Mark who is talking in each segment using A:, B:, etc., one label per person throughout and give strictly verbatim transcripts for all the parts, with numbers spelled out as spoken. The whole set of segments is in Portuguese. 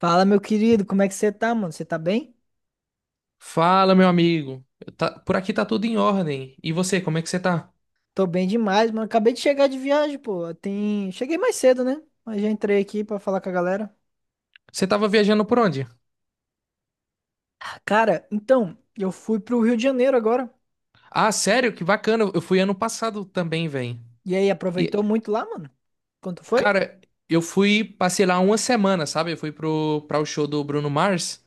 A: Fala, meu querido, como é que você tá, mano? Você tá bem?
B: Fala, meu amigo. Eu tá- por aqui tá tudo em ordem. E você, como é que você tá?
A: Tô bem demais, mano. Acabei de chegar de viagem, pô. Tem... Cheguei mais cedo, né? Mas já entrei aqui pra falar com a galera.
B: Você tava viajando por onde?
A: Ah, Cara, então, eu fui pro Rio de Janeiro agora.
B: Ah, sério? Que bacana. Eu fui ano passado também, velho.
A: E aí, aproveitou muito lá, mano? Quanto foi?
B: Cara, eu fui, passei lá uma semana, sabe? Eu fui pro, pra o show do Bruno Mars.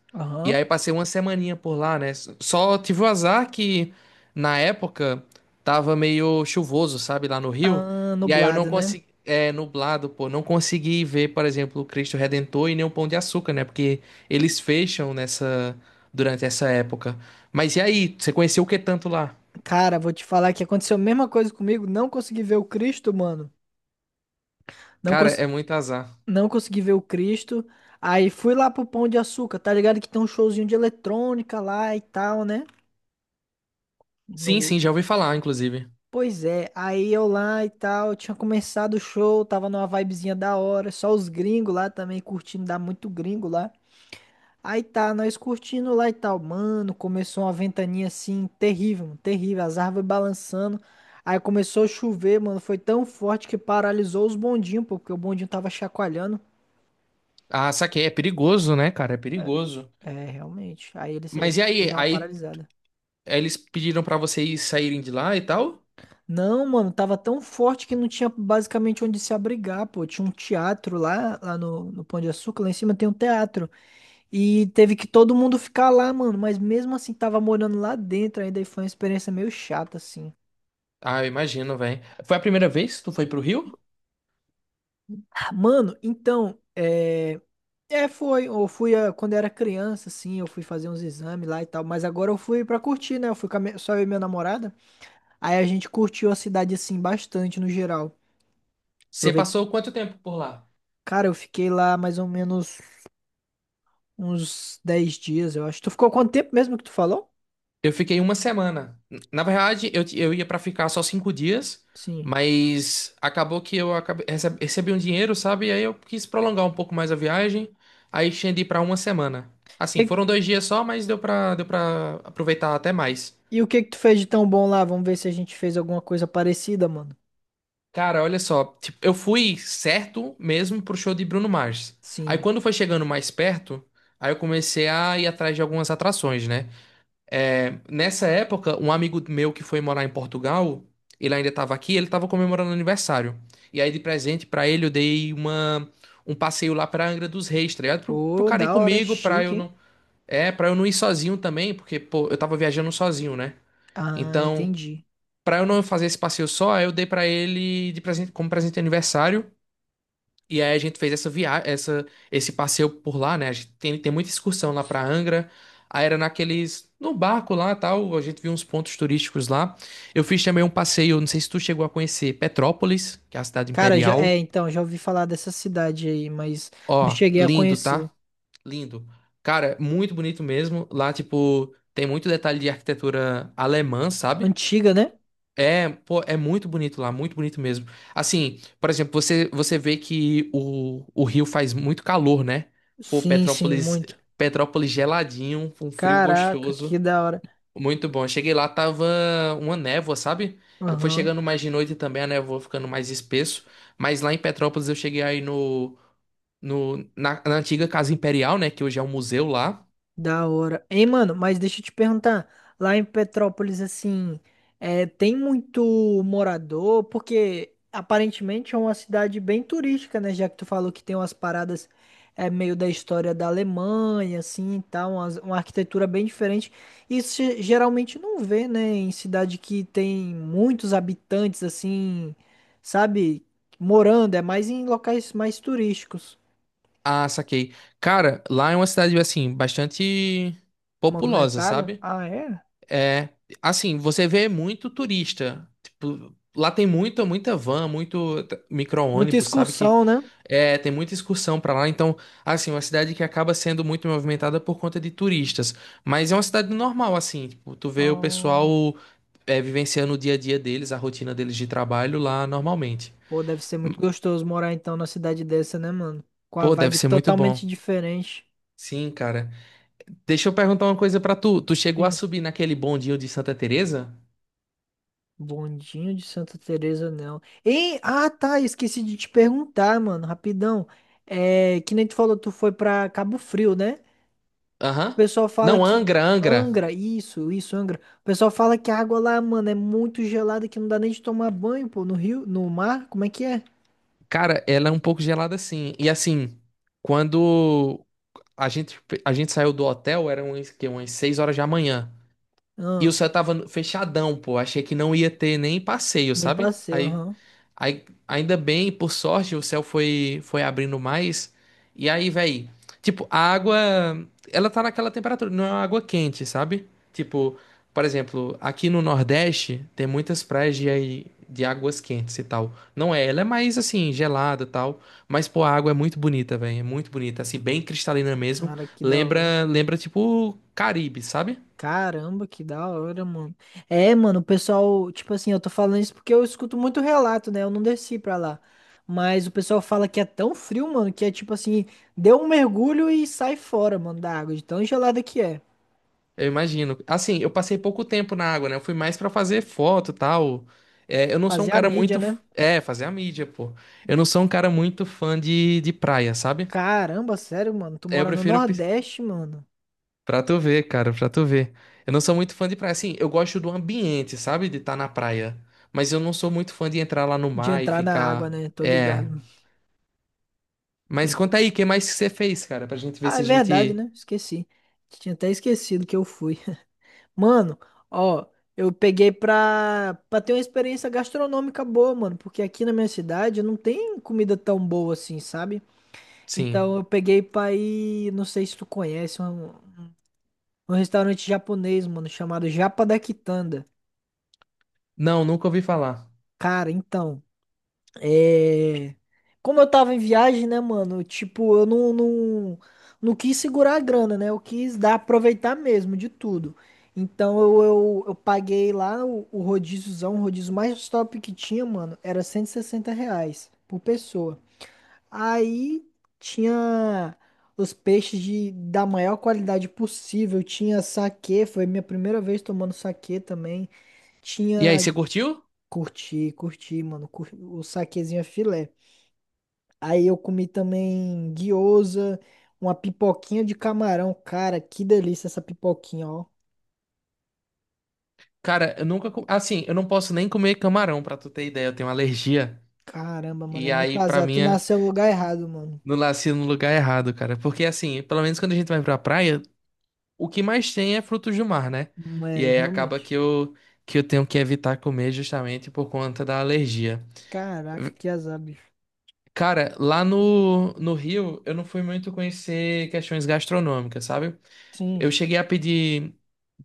B: E
A: Aham.
B: aí passei uma semaninha por lá, né? Só tive o azar que na época tava meio chuvoso, sabe? Lá no Rio.
A: Ah,
B: E aí eu não
A: nublado, né?
B: consegui. É, nublado, pô. Não consegui ver, por exemplo, o Cristo Redentor e nem o Pão de Açúcar, né? Porque eles fecham nessa. Durante essa época. Mas e aí? Você conheceu o que tanto lá?
A: Cara, vou te falar que aconteceu a mesma coisa comigo. Não consegui ver o Cristo, mano. Não,
B: Cara,
A: cons...
B: é muito azar.
A: não consegui ver o Cristo. Aí fui lá pro Pão de Açúcar, tá ligado? Que tem um showzinho de eletrônica lá e tal, né?
B: Sim,
A: No...
B: sim, já ouvi falar, inclusive.
A: Pois é, aí eu lá e tal, tinha começado o show, tava numa vibezinha da hora, só os gringos lá também curtindo, dá muito gringo lá. Aí tá, nós curtindo lá e tal, mano, começou uma ventania assim, terrível, mano, terrível, as árvores balançando. Aí começou a chover, mano, foi tão forte que paralisou os bondinhos, pô, porque o bondinho tava chacoalhando.
B: Ah, saquei. É perigoso, né, cara? É perigoso.
A: É, realmente, aí eles,
B: Mas e
A: eles, eles
B: aí?
A: dão uma
B: Aí
A: paralisada.
B: eles pediram pra vocês saírem de lá e tal?
A: Não, mano, tava tão forte que não tinha basicamente onde se abrigar, pô. Tinha um teatro lá, lá no, no Pão de Açúcar, lá em cima tem um teatro. E teve que todo mundo ficar lá, mano. Mas mesmo assim, tava morando lá dentro ainda e foi uma experiência meio chata, assim.
B: Ah, eu imagino, velho. Foi a primeira vez que tu foi pro Rio?
A: Mano, então, é. É, foi. Eu fui ah, quando eu era criança, assim, eu fui fazer uns exames lá e tal. Mas agora eu fui pra curtir, né? Eu fui com a minha- só eu e minha namorada. Aí a gente curtiu a cidade, assim, bastante no geral.
B: Você
A: Aproveitei.
B: passou quanto tempo por lá?
A: Cara, eu fiquei lá mais ou menos. Uns dez dias, eu acho. Tu ficou quanto tempo mesmo que tu falou?
B: Eu fiquei uma semana. Na verdade, eu, eu ia pra ficar só cinco dias,
A: Sim.
B: mas acabou que eu acabei, receb- recebi um dinheiro, sabe? E aí eu quis prolongar um pouco mais a viagem, aí estendi pra uma semana. Assim,
A: E,
B: foram dois dias só, mas deu pra, deu pra aproveitar até mais.
A: e o que que tu fez de tão bom lá? Vamos ver se a gente fez alguma coisa parecida, mano.
B: Cara, olha só, tipo, eu fui certo mesmo pro show de Bruno Mars. Aí
A: Sim.
B: quando foi chegando mais perto, aí eu comecei a ir atrás de algumas atrações, né? É, nessa época, um amigo meu que foi morar em Portugal, ele ainda estava aqui, ele estava comemorando aniversário. E aí, de presente pra ele, eu dei uma, um passeio lá pra Angra dos Reis, tá ligado? Pro, pro
A: Ô,
B: cara ir
A: da hora,
B: comigo, pra
A: chique,
B: eu
A: hein?
B: não. É, pra eu não ir sozinho também, porque, pô, eu tava viajando sozinho, né?
A: Ah,
B: Então,
A: entendi.
B: pra eu não fazer esse passeio só, aí eu dei pra ele de presente, como presente de aniversário, e aí a gente fez essa viagem, essa, esse passeio por lá, né? A gente tem, tem muita excursão lá pra Angra. Aí era naqueles, no barco lá, tal, a gente viu uns pontos turísticos lá. Eu fiz também um passeio, não sei se tu chegou a conhecer Petrópolis, que é a cidade
A: Cara, já,
B: imperial.
A: é, então, já ouvi falar dessa cidade aí, mas não
B: Ó,
A: cheguei a
B: lindo,
A: conhecer.
B: tá? Lindo. Cara, muito bonito mesmo. Lá, tipo, tem muito detalhe de arquitetura alemã, sabe?
A: Antiga, né?
B: É, pô, é muito bonito lá, muito bonito mesmo. Assim, por exemplo, você, você vê que o, o Rio faz muito calor, né? Pô,
A: Sim, sim,
B: Petrópolis,
A: muito.
B: Petrópolis geladinho, com frio
A: Caraca, que
B: gostoso.
A: da hora.
B: Muito bom. Cheguei lá, tava uma névoa, sabe? Eu fui
A: Aham.
B: chegando mais de noite também, a névoa ficando mais espesso. Mas lá em Petrópolis eu cheguei aí no, no, na, na antiga Casa Imperial, né? Que hoje é um museu lá.
A: Da hora. Ei, mano, mas deixa eu te perguntar, lá em Petrópolis, assim, é, tem muito morador, porque aparentemente é uma cidade bem turística, né? Já que tu falou que tem umas paradas é, meio da história da Alemanha, assim, e tal, umas- uma, arquitetura bem diferente. Isso ge- geralmente não vê, né? Em cidade que tem muitos habitantes, assim, sabe, morando, é mais em locais mais turísticos.
B: Ah, saquei. Cara, lá é uma cidade, assim, bastante populosa,
A: Movimentada?
B: sabe?
A: Ah, é?
B: É, assim, você vê muito turista. Tipo, lá tem muita, muita van, muito t-
A: Muita
B: micro-ônibus, sabe que
A: excursão, né?
B: é, tem muita excursão pra lá, então, assim, uma cidade que acaba sendo muito movimentada por conta de turistas, mas é uma cidade normal assim, tipo, tu vê o
A: Oh,
B: pessoal é, vivenciando o dia a dia deles, a rotina deles de trabalho lá normalmente.
A: pô, deve ser
B: Hum,
A: muito gostoso morar então na cidade dessa, né, mano? Com a
B: Pô, deve
A: vibe
B: ser muito bom.
A: totalmente diferente.
B: Sim, cara. Deixa eu perguntar uma coisa pra tu. Tu chegou a
A: Sim,
B: subir naquele bondinho de Santa Teresa?
A: bondinho de Santa Teresa, não. E, ah, tá, esqueci de te perguntar, mano, rapidão. É, que nem tu falou, tu foi pra Cabo Frio, né? O
B: Aham.
A: pessoal fala
B: Não,
A: que
B: Angra, Angra.
A: Angra, isso, isso, Angra. O pessoal fala que a água lá, mano, é muito gelada que não dá nem de tomar banho, pô, no rio, no mar, como é que é?
B: Cara, ela é um pouco gelada assim. E assim, quando a gente, a gente saiu do hotel, eram umas, que, umas seis horas da manhã. E o
A: Ah,
B: céu tava fechadão, pô. Achei que não ia ter nem passeio,
A: nem
B: sabe?
A: passei,
B: Aí,
A: aham.
B: aí ainda bem, por sorte, o céu foi, foi abrindo mais. E aí, véi, tipo, a água, ela tá naquela temperatura, não é uma água quente, sabe? Tipo, por exemplo, aqui no Nordeste tem muitas praias de, de águas quentes e tal. Não é, ela é mais assim, gelada e tal. Mas, pô, a água é muito bonita, véi. É muito bonita, assim, bem cristalina mesmo.
A: Cara, que da hora.
B: Lembra, lembra, tipo, Caribe, sabe?
A: Caramba, que da hora, mano. É, mano, o pessoal, tipo assim, eu tô falando isso porque eu escuto muito relato, né? Eu não desci pra lá. Mas o pessoal fala que é tão frio, mano, que é tipo assim, deu um mergulho e sai fora, mano, da água, de tão gelada que é.
B: Eu imagino. Assim, eu passei pouco tempo na água, né? Eu fui mais pra fazer foto e tal. É, eu não sou um
A: Fazer a
B: cara
A: mídia,
B: muito.
A: né?
B: f- É, fazer a mídia, pô. Eu não sou um cara muito fã de, de praia, sabe?
A: Caramba, sério, mano, tu
B: É, eu
A: mora no
B: prefiro. pis-
A: Nordeste, mano.
B: Pra tu ver, cara, pra tu ver. Eu não sou muito fã de praia. Assim, eu gosto do ambiente, sabe? De estar na praia. Mas eu não sou muito fã de entrar lá no
A: De
B: mar e
A: entrar na água,
B: ficar.
A: né? Tô
B: É.
A: ligado. Tô
B: Mas
A: li-
B: conta aí, o que mais que você fez, cara? Pra gente ver
A: Ah,
B: se
A: é
B: a
A: verdade,
B: gente.
A: né? Esqueci. Tinha até esquecido que eu fui. Mano, ó, eu peguei pra, pra ter uma experiência gastronômica boa, mano, porque aqui na minha cidade não tem comida tão boa assim, sabe?
B: Sim.
A: Então eu peguei pra ir, não sei se tu conhece, um, um restaurante japonês, mano, chamado Japa da Quitanda.
B: Não, nunca ouvi falar.
A: Cara, então. É... Como eu tava em viagem, né, mano? Tipo, eu não, não, não quis segurar a grana, né? Eu quis dar, aproveitar mesmo de tudo. Então eu, eu, eu paguei lá o, o rodíziozão, o rodízio mais top que tinha, mano, era cento e sessenta reais por pessoa. Aí tinha os peixes de, da maior qualidade possível. Tinha saquê, foi minha primeira vez tomando saquê também.
B: E aí, você
A: Tinha.
B: curtiu?
A: Curti, curti, mano. cur- O saquezinho é filé. Aí eu comi também guiosa, uma pipoquinha de camarão. Cara, que delícia essa pipoquinha, ó.
B: Cara, eu nunca. co- Assim, eu não posso nem comer camarão, pra tu ter ideia. Eu tenho alergia.
A: Caramba, mano,
B: E
A: é muito
B: aí, pra
A: azar. Tu
B: mim, é
A: nasceu no lugar errado, mano.
B: no nasci no lugar errado, cara. Porque, assim, pelo menos quando a gente vai pra praia, o que mais tem é frutos do mar, né?
A: Não
B: E
A: É,
B: aí acaba
A: realmente.
B: que eu, que eu tenho que evitar comer justamente por conta da alergia.
A: Caraca, que azar, bicho.
B: Cara, lá no, no Rio, eu não fui muito conhecer questões gastronômicas, sabe? Eu
A: Sim.
B: cheguei a pedir,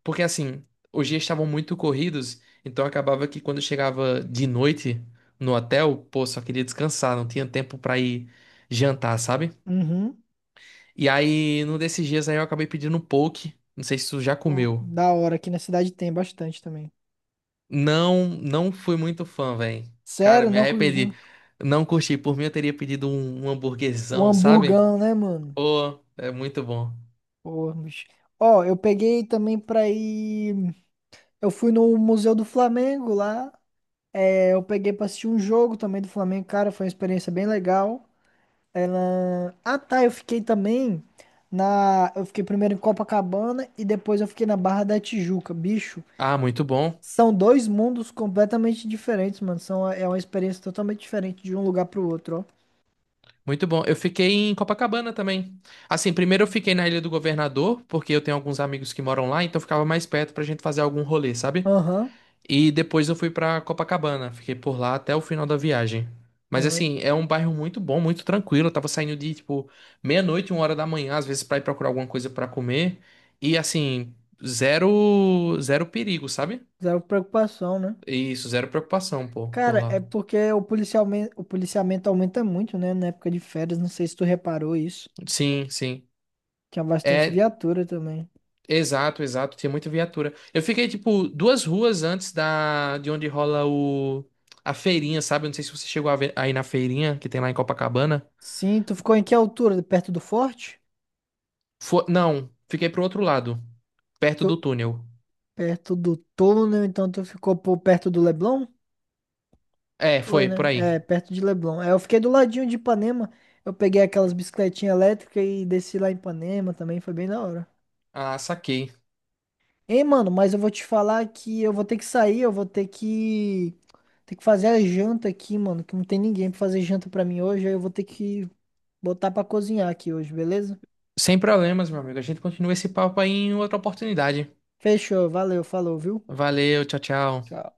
B: porque assim, os dias estavam muito corridos, então acabava que quando eu chegava de noite no hotel, pô, só queria descansar, não tinha tempo pra ir jantar, sabe?
A: Uhum.
B: E aí, num desses dias aí eu acabei pedindo um poke, não sei se tu já
A: Pô,
B: comeu.
A: da hora. Aqui na cidade tem bastante também.
B: Não, não fui muito fã, velho. Cara,
A: Sério,
B: me
A: não curtiu?
B: arrependi. Não curti, por mim eu teria pedido um, um
A: O
B: hamburguesão, sabe?
A: hamburgão, né, mano?
B: Pô, é muito bom.
A: Pô, bicho. Ó, eu peguei também pra ir. Eu fui no Museu do Flamengo lá. É, eu peguei pra assistir um jogo também do Flamengo, cara, foi uma experiência bem legal. Ela... Ah, tá, eu fiquei também na... Eu fiquei primeiro em Copacabana e depois eu fiquei na Barra da Tijuca. Bicho,
B: Ah, muito bom.
A: são dois mundos completamente diferentes, mano. São... É uma experiência totalmente diferente de um lugar pro outro,
B: Muito bom. Eu fiquei em Copacabana também. Assim, primeiro eu fiquei na Ilha do Governador, porque eu tenho alguns amigos que moram lá, então ficava mais perto pra gente fazer algum rolê,
A: ó.
B: sabe?
A: Aham,
B: E depois eu fui pra Copacabana, fiquei por lá até o final da viagem. Mas
A: aham.
B: assim, é um bairro muito bom, muito tranquilo. Eu tava saindo de tipo meia-noite, uma hora da manhã, às vezes pra ir procurar alguma coisa pra comer. E assim, zero zero perigo, sabe?
A: Zero preocupação, né?
B: Isso, zero preocupação, pô, por
A: Cara, é
B: lá.
A: porque o policialme... o policiamento aumenta muito, né? Na época de férias, não sei se tu reparou isso.
B: Sim, sim.
A: Tinha bastante
B: É,
A: viatura também.
B: Exato, exato, tinha muita viatura. Eu fiquei, tipo, duas ruas antes da de onde rola o a feirinha, sabe? Eu não sei se você chegou a ver aí na feirinha que tem lá em Copacabana.
A: Sim, tu ficou em que altura? Perto do forte?
B: Fo- Não, fiquei pro outro lado, perto
A: Tu-
B: do túnel.
A: perto do túnel, então tu ficou por perto do Leblon?
B: É,
A: Foi,
B: foi, por
A: né?
B: aí.
A: É, perto de Leblon. É, eu fiquei do ladinho de Ipanema. Eu peguei aquelas bicicletinhas elétricas e desci lá em Ipanema também, foi bem da hora.
B: Ah, saquei.
A: Ei, mano, mas eu vou te falar que eu vou ter que sair, eu vou ter que ter que fazer a janta aqui, mano, que não tem ninguém pra fazer janta pra mim hoje, aí eu vou ter que botar pra cozinhar aqui hoje, beleza?
B: Sem problemas, meu amigo. A gente continua esse papo aí em outra oportunidade.
A: Fechou, valeu, falou, viu?
B: Valeu, tchau, tchau.
A: Tchau.